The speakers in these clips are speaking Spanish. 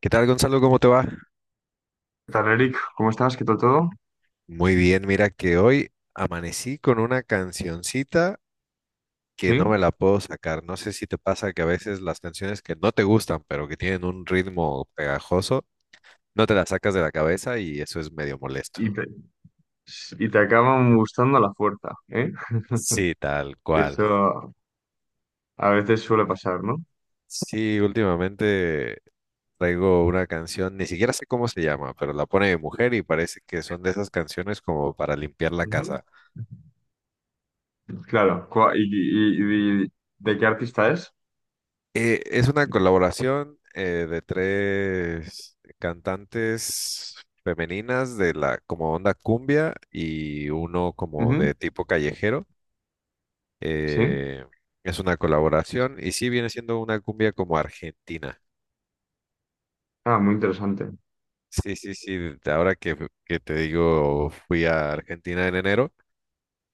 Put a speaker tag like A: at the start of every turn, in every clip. A: ¿Qué tal, Gonzalo? ¿Cómo te va?
B: ¿Qué tal, Eric? ¿Cómo estás? ¿Qué tal todo?
A: Muy bien, mira que hoy amanecí con una cancioncita que no
B: ¿Sí?
A: me la puedo sacar. No sé si te pasa que a veces las canciones que no te gustan, pero que tienen un ritmo pegajoso, no te las sacas de la cabeza y eso es medio molesto.
B: Y te, y te acaban gustando a la fuerza, ¿eh?
A: Sí, tal
B: Que
A: cual.
B: eso a veces suele pasar, ¿no?
A: Sí, últimamente traigo una canción, ni siquiera sé cómo se llama, pero la pone mi mujer y parece que son de esas canciones como para limpiar la casa.
B: Ujú. Claro. ¿Y, de qué artista es?
A: Es una colaboración de tres cantantes femeninas de la como onda cumbia y uno como
B: Ujú.
A: de tipo callejero.
B: ¿Sí?
A: Eh, es una colaboración y sí viene siendo una cumbia como argentina.
B: Ah, muy interesante.
A: Sí, sí, sí. de Ahora que te digo, fui a Argentina en enero.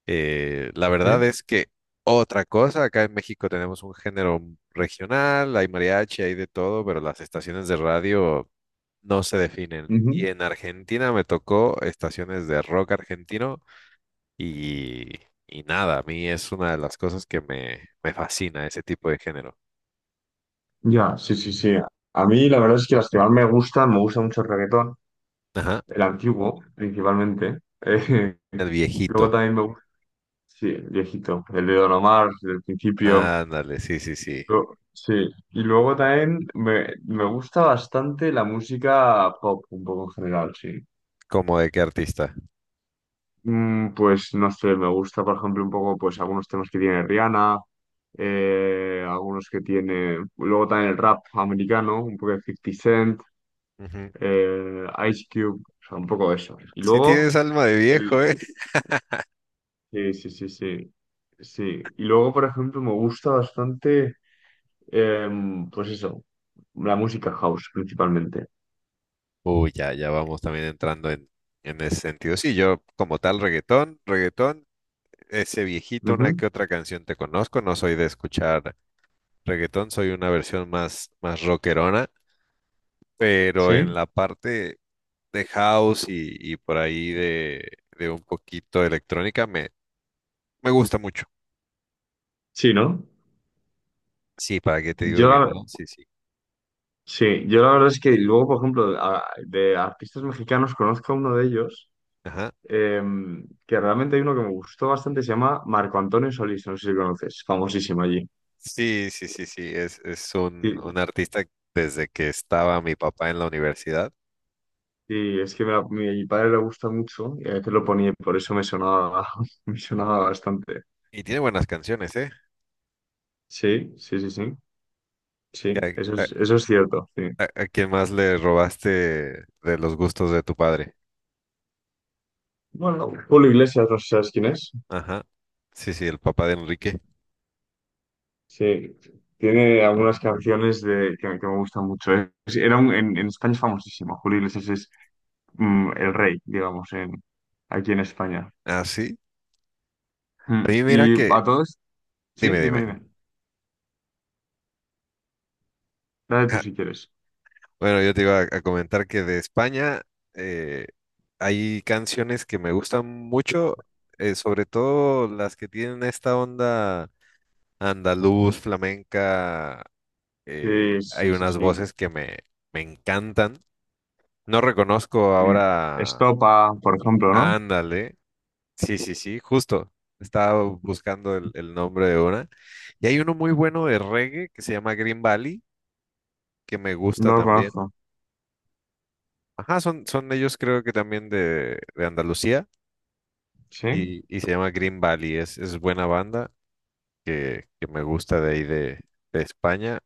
A: La verdad
B: ¿Sí?
A: es que otra cosa, acá en México tenemos un género regional, hay mariachi, hay de todo, pero las estaciones de radio no se definen. Y
B: Ujú.
A: en Argentina me tocó estaciones de rock argentino y, y nada, a mí es una de las cosas que me fascina ese tipo de género.
B: Ya, sí, sí, sí. A mí la verdad es que las que más me gustan, me gusta mucho el reggaetón,
A: Ajá,
B: el antiguo principalmente. Eh,
A: el
B: luego
A: viejito.
B: también me gusta, sí, el viejito, el de Don Omar, del principio.
A: Ándale, sí, sí, sí.
B: Sí, y luego también me gusta bastante la música pop, un poco en general, sí.
A: ¿Cómo de qué artista?
B: Pues no sé, me gusta, por ejemplo, un poco pues algunos temas que tiene Rihanna, algunos que tiene, luego también el rap americano, un poco de 50 Cent,
A: Ujú.
B: Ice Cube, o sea, un poco eso. Y
A: Sí
B: luego,
A: tienes alma de
B: el,
A: viejo, ¿eh?
B: sí, sí, sí, sí, sí. Y luego, por ejemplo, me gusta bastante, pues eso, la música house principalmente.
A: Uy, ya, ya vamos también entrando en ese sentido. Sí, yo como tal reggaetón, reggaetón, ese viejito, una
B: Ujú.
A: que otra canción te conozco, no soy de escuchar reggaetón, soy una versión más, más rockerona. Pero en
B: Sí.
A: la parte de house y por ahí de un poquito de electrónica me gusta mucho.
B: Sí, ¿no?
A: Sí, ¿para qué te digo
B: Yo
A: que
B: la,
A: no? Sí, sí.
B: sí, yo la verdad es que luego, por ejemplo, de artistas mexicanos conozco a uno de ellos,
A: Ajá.
B: eh, que realmente hay uno que me gustó bastante, se llama Marco Antonio Solís, no sé si lo conoces, famosísimo allí.
A: Sí, sí, sí, sí. Es un
B: Y,
A: artista desde que estaba mi papá en la universidad
B: y es que mi padre le gusta mucho y a veces lo ponía, y por eso me sonaba, me sonaba bastante.
A: y tiene buenas canciones, ¿eh?
B: Sí, sí, sí, sí, sí,
A: ¿A, a,
B: eso es cierto, sí.
A: a quién más le robaste de los gustos de tu padre?
B: Bueno, Julio Iglesias, no sé si sabes quién es.
A: Ajá. Sí, sí, el papá de Enrique.
B: Sí, tiene algunas canciones de, que me gustan mucho. En España es famosísimo. Julio Iglesias es el rey, digamos, aquí en España.
A: Ah, sí. A
B: Mm.
A: mí mira que...
B: Sí,
A: Dime,
B: dime,
A: dime.
B: dime. Dale tú si quieres.
A: Bueno, yo te iba a comentar que de España eh, hay canciones que me gustan mucho, sobre todo las que tienen esta onda andaluz, flamenca.
B: Sí,
A: Hay
B: sí, sí,
A: unas
B: sí.
A: voces que me encantan. No reconozco
B: Mm.
A: ahora.
B: Estopa, por ejemplo, ¿no?
A: Ándale. Sí, sí, sí, justo. Estaba buscando el nombre de una. Y hay uno muy bueno de reggae que se llama Green Valley, que me gusta
B: No lo
A: también.
B: conozco.
A: Ajá, son ellos creo que también de Andalucía
B: ¿Sí?
A: y se llama Green Valley. Es buena banda que me gusta de ahí de España.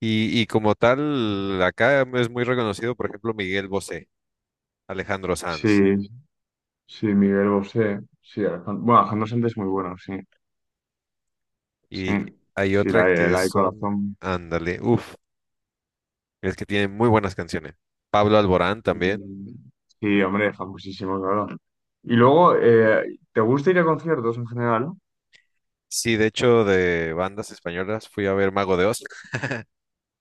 A: Y como tal, acá es muy reconocido, por ejemplo, Miguel Bosé, Alejandro Sanz.
B: Sí, sí, Miguel Bosé. Sí, Alejandro, bueno, Alejandro Sanz es muy bueno, sí. Sí,
A: Y hay
B: sí,
A: otra que
B: la de
A: son,
B: corazón.
A: ándale, uff, es que tienen muy buenas canciones. Pablo Alborán también.
B: Mm. Sí, hombre, famosísimo, claro. Y luego, ¿te gusta ir a conciertos en general?
A: Sí, de hecho, de bandas españolas fui a ver Mago de Oz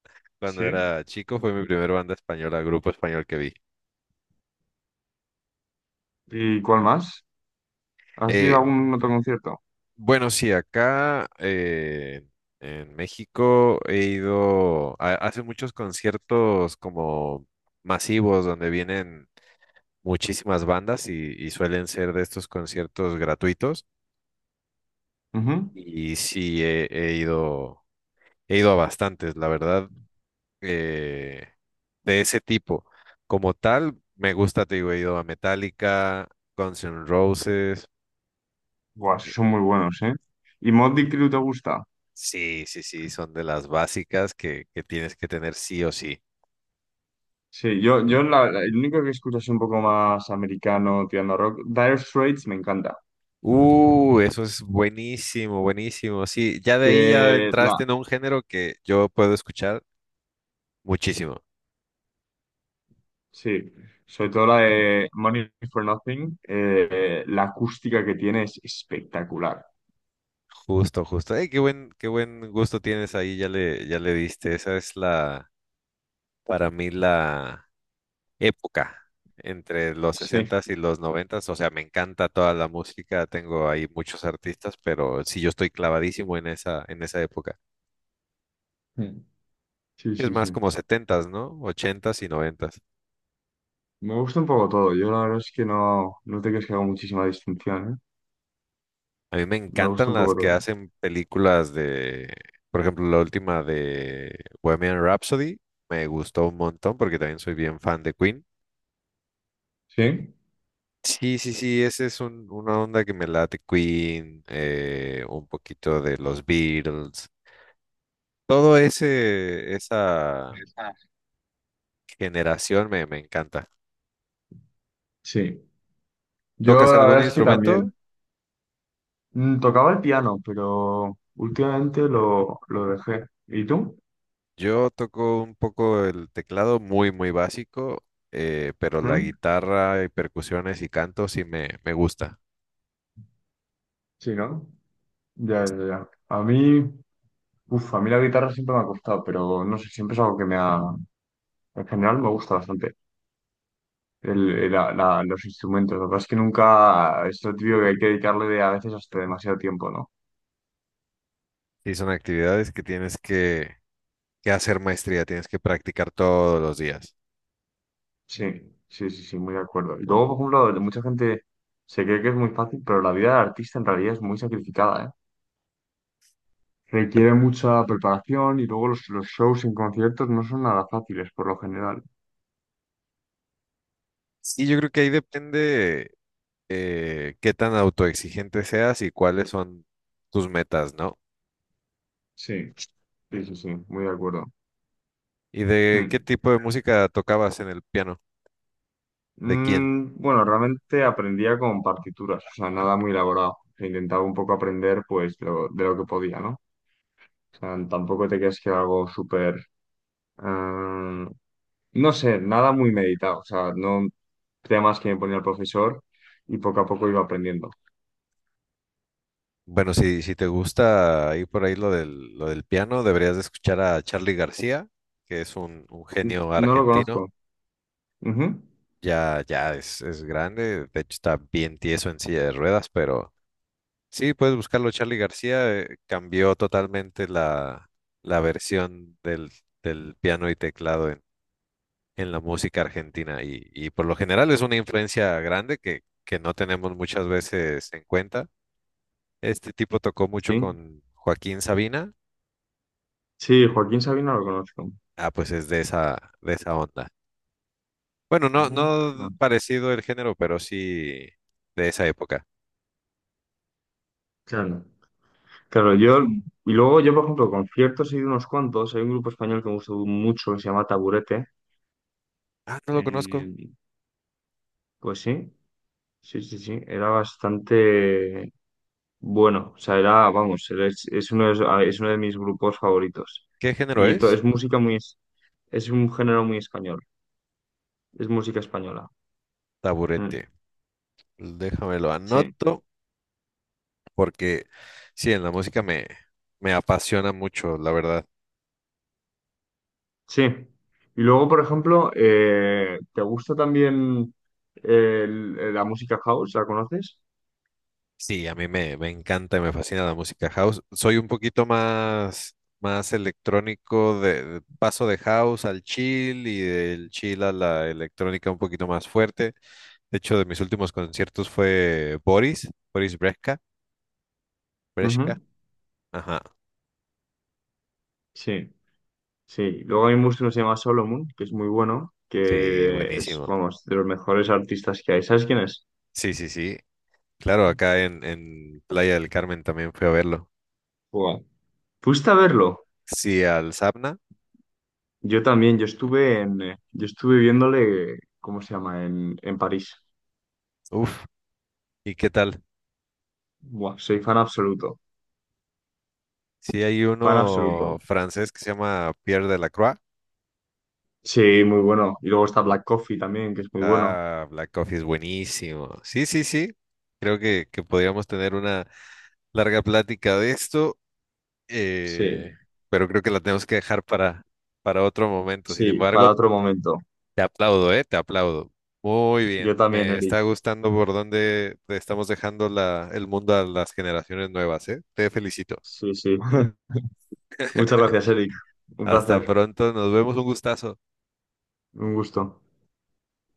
A: cuando
B: Sí.
A: era chico. Fue mi primer banda española, grupo español que vi.
B: ¿Y cuál más? ¿Has ido
A: Eh,
B: a algún otro concierto?
A: Bueno, sí, acá en México he ido, hace muchos conciertos como masivos donde vienen muchísimas bandas y suelen ser de estos conciertos gratuitos.
B: Ujú.
A: Y sí, he ido a bastantes, la verdad, eh, de ese tipo. Como tal, me gusta, te digo, he ido a Metallica, Guns N' Roses.
B: Buah,
A: eh,
B: esos son muy buenos, ¿eh? ¿Y Motley Crue te gusta?
A: Sí, sí, sí, son de las básicas que tienes que tener sí o sí.
B: Sí, yo el único que escucho es un poco más americano, tirando a rock. Dire Straits me encanta.
A: Eso es buenísimo, buenísimo. Sí, ya de ahí ya
B: Que la,
A: entraste en un género que yo puedo escuchar muchísimo.
B: sí, sobre todo la de Money for Nothing, la acústica que tiene es espectacular.
A: Justo, justo. Qué buen gusto tienes ahí, ya le diste. Esa es la, para mí, la época entre los
B: Sí.
A: sesentas y los noventas. O sea, me encanta toda la música, tengo ahí muchos artistas, pero sí, yo estoy clavadísimo en esa época.
B: Mm. Sí,
A: Es
B: sí, sí.
A: más como setentas, no. Ochentas y noventas.
B: Me gusta un poco todo. Yo la verdad es que no, no te crees que hago muchísima distinción, ¿eh?
A: A mí me
B: Me gusta
A: encantan
B: un
A: las
B: poco
A: que
B: todo.
A: hacen películas de, por ejemplo, la última de Bohemian Rhapsody, me gustó un montón porque también soy bien fan de Queen.
B: ¿Sí?
A: Sí, sí, sí, esa es una onda que me late Queen, un poquito de los Beatles, todo ese, esa
B: Ah.
A: generación me encanta.
B: Sí. Yo
A: ¿Tocas
B: la verdad
A: algún
B: es que
A: instrumento?
B: también. Mm. Tocaba el piano, pero últimamente lo dejé. ¿Y tú?
A: Yo toco un poco el teclado muy, muy básico, pero la
B: ¿Mm?
A: guitarra y percusiones y canto sí me gusta.
B: Sí, ¿no? Ya, ya, ya. A mí, uf, a mí la guitarra siempre me ha costado, pero no sé, siempre es algo que me ha... En general me gusta bastante el, los instrumentos. La verdad es que nunca... Es lo típico que hay que dedicarle a veces hasta demasiado tiempo, ¿no?
A: Sí, son actividades que tienes que hacer maestría, tienes que practicar todos los días.
B: Sí, sí, sí, sí, muy de acuerdo. Y luego, por ejemplo, mucha gente se cree que es muy fácil, pero la vida del artista en realidad es muy sacrificada, ¿eh? Requiere mucha preparación y luego los shows en conciertos no son nada fáciles por lo general.
A: Y yo creo que ahí depende qué tan autoexigente seas y cuáles son tus metas, ¿no?
B: Sí. Sí, sí, sí, muy de acuerdo.
A: ¿Y de qué
B: Mm.
A: tipo de música tocabas en el piano? ¿De quién?
B: Mm, bueno, realmente aprendía con partituras, o sea, nada muy elaborado. E intentaba un poco aprender, pues, de lo que podía, ¿no? O sea, tampoco te creas que era algo súper... eh, no sé, nada muy meditado, o sea, no, temas que me ponía el profesor y poco a poco iba aprendiendo.
A: Bueno, si te gusta ahí por ahí lo del piano, deberías de escuchar a Charly García, que es un genio
B: No lo
A: argentino.
B: conozco. Ujú.
A: Ya, ya es grande, de hecho está bien tieso en silla de ruedas, pero... Sí, puedes buscarlo. Charlie García cambió totalmente la, la versión del, del piano y teclado en la música argentina y por lo general es una influencia grande que no tenemos muchas veces en cuenta. Este tipo tocó mucho
B: Sí.
A: con Joaquín Sabina.
B: Sí, Joaquín Sabina lo conozco.
A: Ah, pues es de esa onda. Bueno, no,
B: Mm, ah,
A: no parecido el género, pero sí de esa época.
B: claro. Claro, yo, y luego yo, por ejemplo, conciertos he ido unos cuantos. Hay un grupo español que me gustó mucho que se llama Taburete.
A: Ah, no lo conozco.
B: Eh, pues sí, sí, sí, sí. Era bastante bueno. O sea, era, vamos, es uno de mis grupos favoritos.
A: ¿Qué género es?
B: Es música muy, es un género muy español. Es música española.
A: Taburete.
B: Mm,
A: Déjamelo
B: sí.
A: anoto. Porque sí, en la música me apasiona mucho, la verdad.
B: Sí. Y luego, por ejemplo, ¿te gusta también el- la música house? ¿La conoces?
A: Sí, a mí me encanta y me fascina la música house. Soy un poquito más, más electrónico, paso de house al chill y del chill a la electrónica un poquito más fuerte. De hecho, de mis últimos conciertos fue Boris, Boris Brejcha, Brejcha.
B: Ujú.
A: Ajá,
B: Sí, sí. Luego hay un músico que se llama Solomon, que es muy bueno,
A: sí,
B: que es,
A: buenísimo.
B: vamos, de los mejores artistas que hay. ¿Sabes quién es?
A: Sí, sí, sí. Claro, acá en Playa del Carmen también fui a verlo.
B: Buah. ¿Fuiste a verlo?
A: Sí, al Sabna.
B: Yo también, yo estuve en, yo estuve viéndole, ¿cómo se llama? En París.
A: Uf, ¿y qué tal?
B: Buah, soy fan absoluto,
A: Sí, hay
B: fan
A: uno
B: absoluto.
A: francés que se llama Pierre Delacroix.
B: Sí, muy bueno. Y luego está Black Coffee también, que es muy bueno.
A: Ah, Black Coffee es buenísimo. Sí, sí, sí. Creo que podríamos tener una larga plática de esto, eh,
B: Sí,
A: pero creo que la tenemos que dejar para otro momento. Sin
B: sí,
A: embargo,
B: para otro momento.
A: te aplaudo, ¿eh? Te aplaudo. Muy
B: Yo
A: bien.
B: también,
A: Me
B: Eric.
A: está gustando por dónde te estamos dejando la, el mundo a las generaciones nuevas, ¿eh? Te felicito.
B: Sí, sí. Muchas gracias, Eric. Un
A: Hasta
B: placer,
A: pronto. Nos vemos. Un gustazo.
B: un gusto.